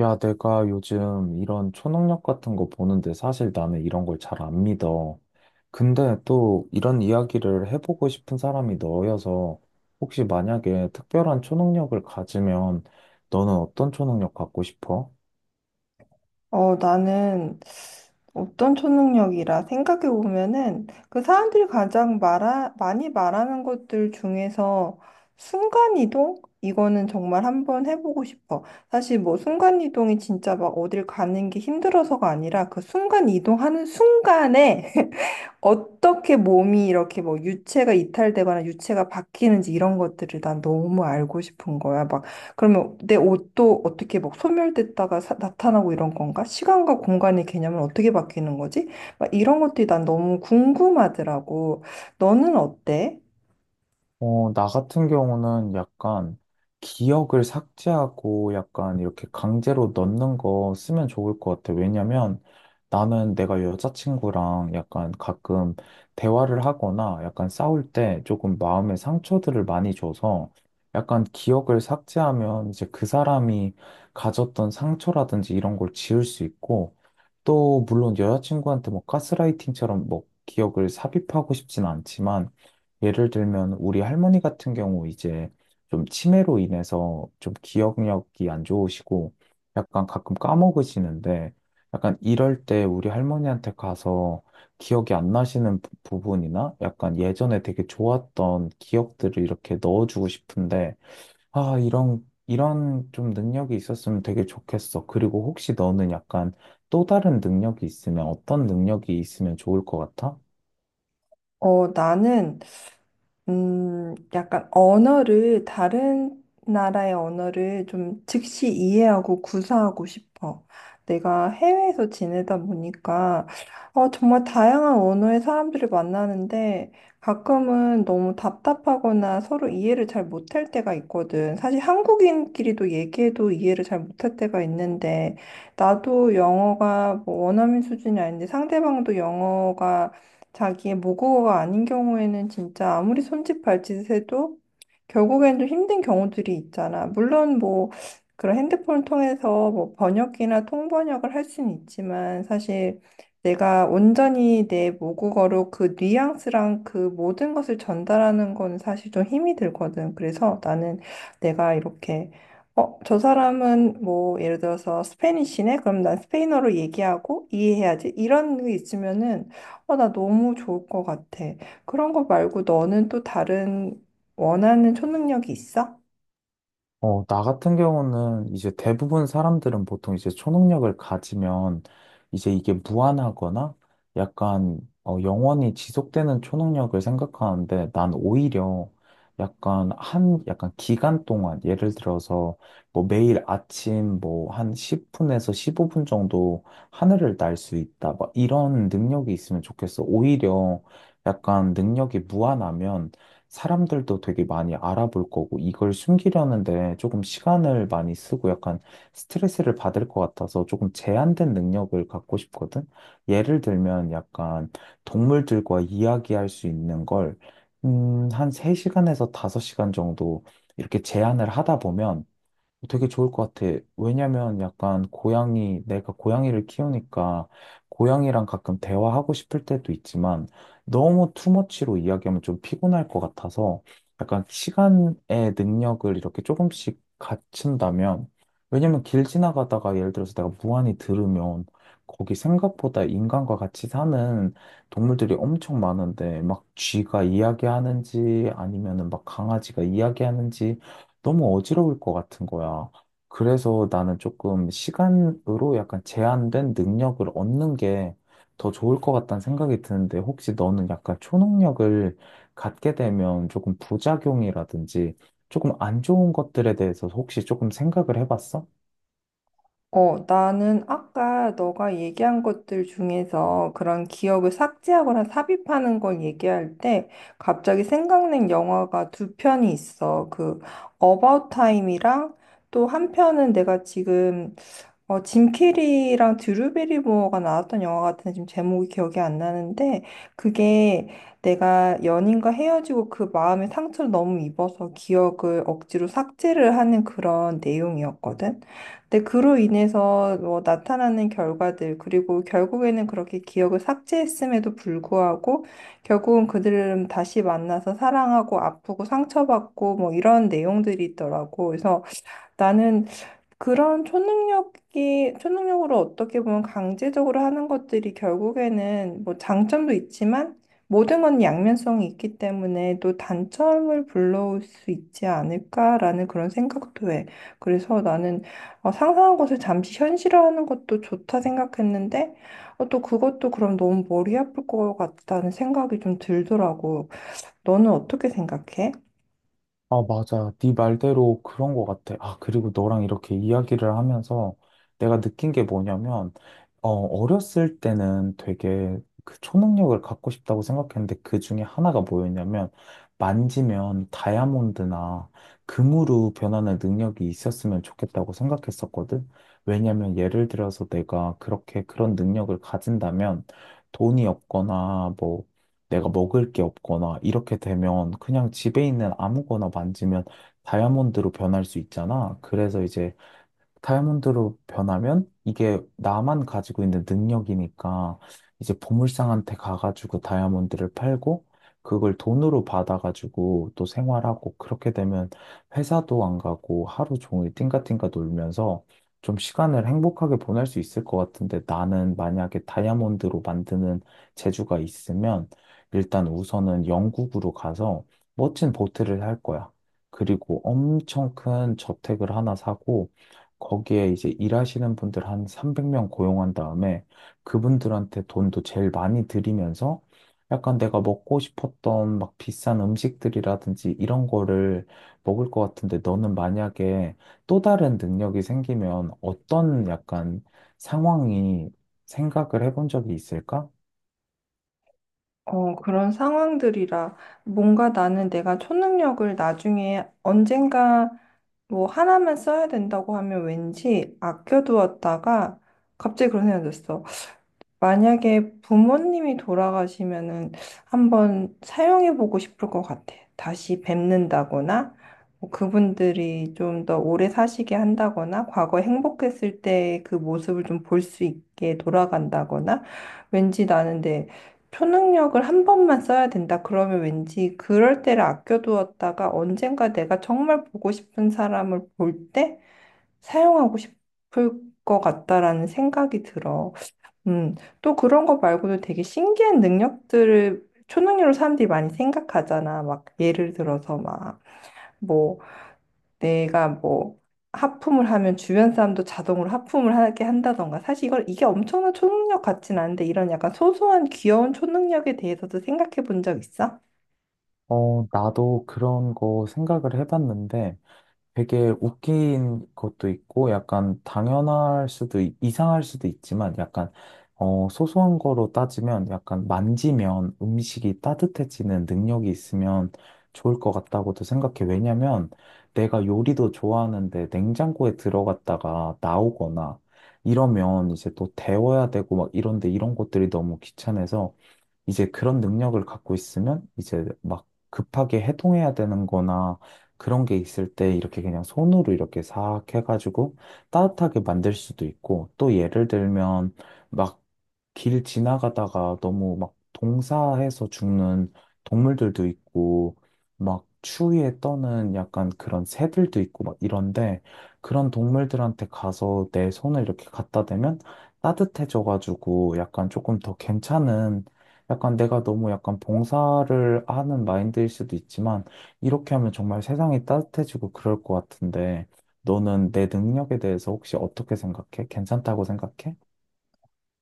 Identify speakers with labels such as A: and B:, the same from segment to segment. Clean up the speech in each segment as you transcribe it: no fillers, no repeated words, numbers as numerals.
A: 야, 내가 요즘 이런 초능력 같은 거 보는데 사실 나는 이런 걸 잘 안 믿어. 근데 또 이런 이야기를 해보고 싶은 사람이 너여서 혹시 만약에 특별한 초능력을 가지면 너는 어떤 초능력 갖고 싶어?
B: 나는 어떤 초능력이라 생각해 보면은 그 사람들이 가장 많이 말하는 것들 중에서 순간이동? 이거는 정말 한번 해보고 싶어. 사실 뭐 순간이동이 진짜 막 어딜 가는 게 힘들어서가 아니라 그 순간이동하는 순간에 어떻게 몸이 이렇게 뭐 유체가 이탈되거나 유체가 바뀌는지 이런 것들을 난 너무 알고 싶은 거야. 막 그러면 내 옷도 어떻게 막 소멸됐다가 나타나고 이런 건가? 시간과 공간의 개념은 어떻게 바뀌는 거지? 막 이런 것들이 난 너무 궁금하더라고. 너는 어때?
A: 나 같은 경우는 약간 기억을 삭제하고 약간 이렇게 강제로 넣는 거 쓰면 좋을 것 같아. 왜냐면 나는 내가 여자친구랑 약간 가끔 대화를 하거나 약간 싸울 때 조금 마음의 상처들을 많이 줘서, 약간 기억을 삭제하면 이제 그 사람이 가졌던 상처라든지 이런 걸 지울 수 있고, 또 물론 여자친구한테 뭐 가스라이팅처럼 뭐 기억을 삽입하고 싶진 않지만, 예를 들면 우리 할머니 같은 경우 이제 좀 치매로 인해서 좀 기억력이 안 좋으시고 약간 가끔 까먹으시는데, 약간 이럴 때 우리 할머니한테 가서 기억이 안 나시는 부분이나 약간 예전에 되게 좋았던 기억들을 이렇게 넣어주고 싶은데, 아, 이런 좀 능력이 있었으면 되게 좋겠어. 그리고 혹시 너는 약간 또 다른 능력이 있으면 어떤 능력이 있으면 좋을 것 같아?
B: 나는 약간 다른 나라의 언어를 좀 즉시 이해하고 구사하고 싶어. 내가 해외에서 지내다 보니까, 정말 다양한 언어의 사람들을 만나는데, 가끔은 너무 답답하거나 서로 이해를 잘 못할 때가 있거든. 사실 한국인끼리도 얘기해도 이해를 잘 못할 때가 있는데, 나도 영어가 뭐 원어민 수준이 아닌데, 상대방도 영어가 자기의 모국어가 아닌 경우에는 진짜 아무리 손짓 발짓 해도 결국엔 좀 힘든 경우들이 있잖아. 물론 뭐 그런 핸드폰을 통해서 뭐 번역기나 통번역을 할 수는 있지만 사실 내가 온전히 내 모국어로 그 뉘앙스랑 그 모든 것을 전달하는 건 사실 좀 힘이 들거든. 그래서 나는 내가 이렇게 저 사람은 뭐 예를 들어서 스페니쉬네? 그럼 난 스페인어로 얘기하고 이해해야지. 이런 게 있으면은 나 너무 좋을 것 같아. 그런 거 말고 너는 또 다른 원하는 초능력이 있어?
A: 나 같은 경우는 이제 대부분 사람들은 보통 이제 초능력을 가지면 이제 이게 무한하거나 약간 영원히 지속되는 초능력을 생각하는데, 난 오히려 약간 약간 기간 동안, 예를 들어서 뭐 매일 아침 뭐 한 10분에서 15분 정도 하늘을 날 수 있다, 막 이런 능력이 있으면 좋겠어. 오히려 약간 능력이 무한하면 사람들도 되게 많이 알아볼 거고 이걸 숨기려는데 조금 시간을 많이 쓰고 약간 스트레스를 받을 것 같아서, 조금 제한된 능력을 갖고 싶거든. 예를 들면 약간 동물들과 이야기할 수 있는 걸 한 3시간에서 5시간 정도 이렇게 제한을 하다 보면 되게 좋을 것 같아. 왜냐면 약간 고양이, 내가 고양이를 키우니까 고양이랑 가끔 대화하고 싶을 때도 있지만 너무 투머치로 이야기하면 좀 피곤할 것 같아서, 약간 시간의 능력을 이렇게 조금씩 갖춘다면, 왜냐면 길 지나가다가 예를 들어서 내가 무한히 들으면 거기 생각보다 인간과 같이 사는 동물들이 엄청 많은데 막 쥐가 이야기하는지 아니면은 막 강아지가 이야기하는지 너무 어지러울 것 같은 거야. 그래서 나는 조금 시간으로 약간 제한된 능력을 얻는 게 더 좋을 것 같다는 생각이 드는데, 혹시 너는 약간 초능력을 갖게 되면 조금 부작용이라든지 조금 안 좋은 것들에 대해서 혹시 조금 생각을 해봤어?
B: 나는 아까 너가 얘기한 것들 중에서 그런 기억을 삭제하거나 삽입하는 걸 얘기할 때 갑자기 생각난 영화가 두 편이 있어. 그 About Time이랑 또 한 편은 내가 지금 짐 캐리랑 드루 베리모어가 나왔던 영화 같은데 지금 제목이 기억이 안 나는데 그게 내가 연인과 헤어지고 그 마음의 상처를 너무 입어서 기억을 억지로 삭제를 하는 그런 내용이었거든. 근데 그로 인해서 뭐 나타나는 결과들, 그리고 결국에는 그렇게 기억을 삭제했음에도 불구하고, 결국은 그들은 다시 만나서 사랑하고 아프고 상처받고 뭐 이런 내용들이 있더라고. 그래서 나는 초능력으로 어떻게 보면 강제적으로 하는 것들이 결국에는 뭐 장점도 있지만 모든 건 양면성이 있기 때문에 또 단점을 불러올 수 있지 않을까라는 그런 생각도 해. 그래서 나는 상상한 것을 잠시 현실화하는 것도 좋다 생각했는데 또 그것도 그럼 너무 머리 아플 것 같다는 생각이 좀 들더라고. 너는 어떻게 생각해?
A: 아, 맞아. 네 말대로 그런 것 같아. 아, 그리고 너랑 이렇게 이야기를 하면서 내가 느낀 게 뭐냐면, 어렸을 때는 되게 그 초능력을 갖고 싶다고 생각했는데, 그 중에 하나가 뭐였냐면, 만지면 다이아몬드나 금으로 변하는 능력이 있었으면 좋겠다고 생각했었거든. 왜냐면 예를 들어서 내가 그렇게 그런 능력을 가진다면, 돈이 없거나 뭐 내가 먹을 게 없거나 이렇게 되면 그냥 집에 있는 아무거나 만지면 다이아몬드로 변할 수 있잖아. 그래서 이제 다이아몬드로 변하면 이게 나만 가지고 있는 능력이니까, 이제 보물상한테 가가지고 다이아몬드를 팔고 그걸 돈으로 받아가지고 또 생활하고, 그렇게 되면 회사도 안 가고 하루 종일 띵가띵가 놀면서 좀 시간을 행복하게 보낼 수 있을 것 같은데, 나는 만약에 다이아몬드로 만드는 재주가 있으면 일단 우선은 영국으로 가서 멋진 보트를 살 거야. 그리고 엄청 큰 저택을 하나 사고, 거기에 이제 일하시는 분들 한 300명 고용한 다음에 그분들한테 돈도 제일 많이 드리면서, 약간 내가 먹고 싶었던 막 비싼 음식들이라든지 이런 거를 먹을 것 같은데, 너는 만약에 또 다른 능력이 생기면 어떤 약간 상황이 생각을 해본 적이 있을까?
B: 그런 상황들이라 뭔가 나는 내가 초능력을 나중에 언젠가 뭐 하나만 써야 된다고 하면 왠지 아껴두었다가 갑자기 그런 생각이 들었어. 만약에 부모님이 돌아가시면은 한번 사용해 보고 싶을 것 같아. 다시 뵙는다거나, 뭐 그분들이 좀 더 오래 사시게 한다거나, 과거 행복했을 때 그 모습을 좀 볼 수 있게 돌아간다거나, 왠지 나는 내 초능력을 한 번만 써야 된다. 그러면 왠지 그럴 때를 아껴두었다가 언젠가 내가 정말 보고 싶은 사람을 볼 때 사용하고 싶을 것 같다라는 생각이 들어. 음, 또 그런 거 말고도 되게 신기한 능력들을 초능력으로 사람들이 많이 생각하잖아. 막 예를 들어서 막 뭐 내가 뭐 하품을 하면 주변 사람도 자동으로 하품을 하게 한다던가. 사실 이걸 이게 엄청난 초능력 같진 않은데 이런 약간 소소한 귀여운 초능력에 대해서도 생각해 본 적 있어?
A: 나도 그런 거 생각을 해봤는데, 되게 웃긴 것도 있고 약간 당연할 수도 이상할 수도 있지만, 약간 소소한 거로 따지면 약간 만지면 음식이 따뜻해지는 능력이 있으면 좋을 것 같다고도 생각해. 왜냐면 내가 요리도 좋아하는데 냉장고에 들어갔다가 나오거나 이러면 이제 또 데워야 되고 막 이런데, 이런 것들이 너무 귀찮아서 이제 그런 능력을 갖고 있으면, 이제 막 급하게 해동해야 되는 거나 그런 게 있을 때 이렇게 그냥 손으로 이렇게 싹 해가지고 따뜻하게 만들 수도 있고, 또 예를 들면 막 길 지나가다가 너무 막 동사해서 죽는 동물들도 있고 막 추위에 떠는 약간 그런 새들도 있고 막 이런데, 그런 동물들한테 가서 내 손을 이렇게 갖다 대면 따뜻해져가지고 약간 조금 더 괜찮은, 약간 내가 너무 약간 봉사를 하는 마인드일 수도 있지만, 이렇게 하면 정말 세상이 따뜻해지고 그럴 것 같은데, 너는 내 능력에 대해서 혹시 어떻게 생각해? 괜찮다고 생각해?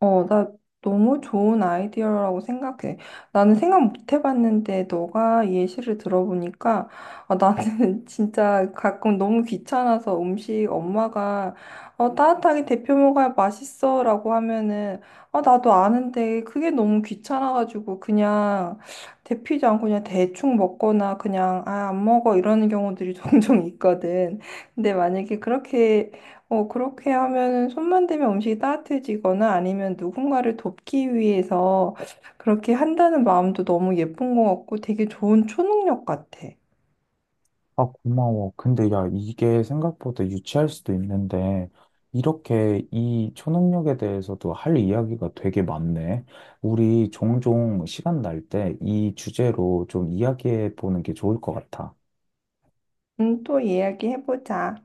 B: 나 너무 좋은 아이디어라고 생각해. 나는 생각 못 해봤는데 너가 예시를 들어보니까 아, 나는 진짜 가끔 너무 귀찮아서 음식 엄마가 따뜻하게 데펴 먹어야 맛있어라고 하면은 아, 나도 아는데 그게 너무 귀찮아가지고 그냥 데피지 않고 그냥 대충 먹거나 그냥 아, 안 먹어 이러는 경우들이 종종 있거든. 근데 만약에 그렇게 그렇게 하면은 손만 대면 음식이 따뜻해지거나 아니면 누군가를 돕기 위해서 그렇게 한다는 마음도 너무 예쁜 것 같고 되게 좋은 초능력 같아.
A: 아, 고마워. 근데 야, 이게 생각보다 유치할 수도 있는데, 이렇게 이 초능력에 대해서도 할 이야기가 되게 많네. 우리 종종 시간 날 때 이 주제로 좀 이야기해 보는 게 좋을 것 같아.
B: 또 이야기해보자.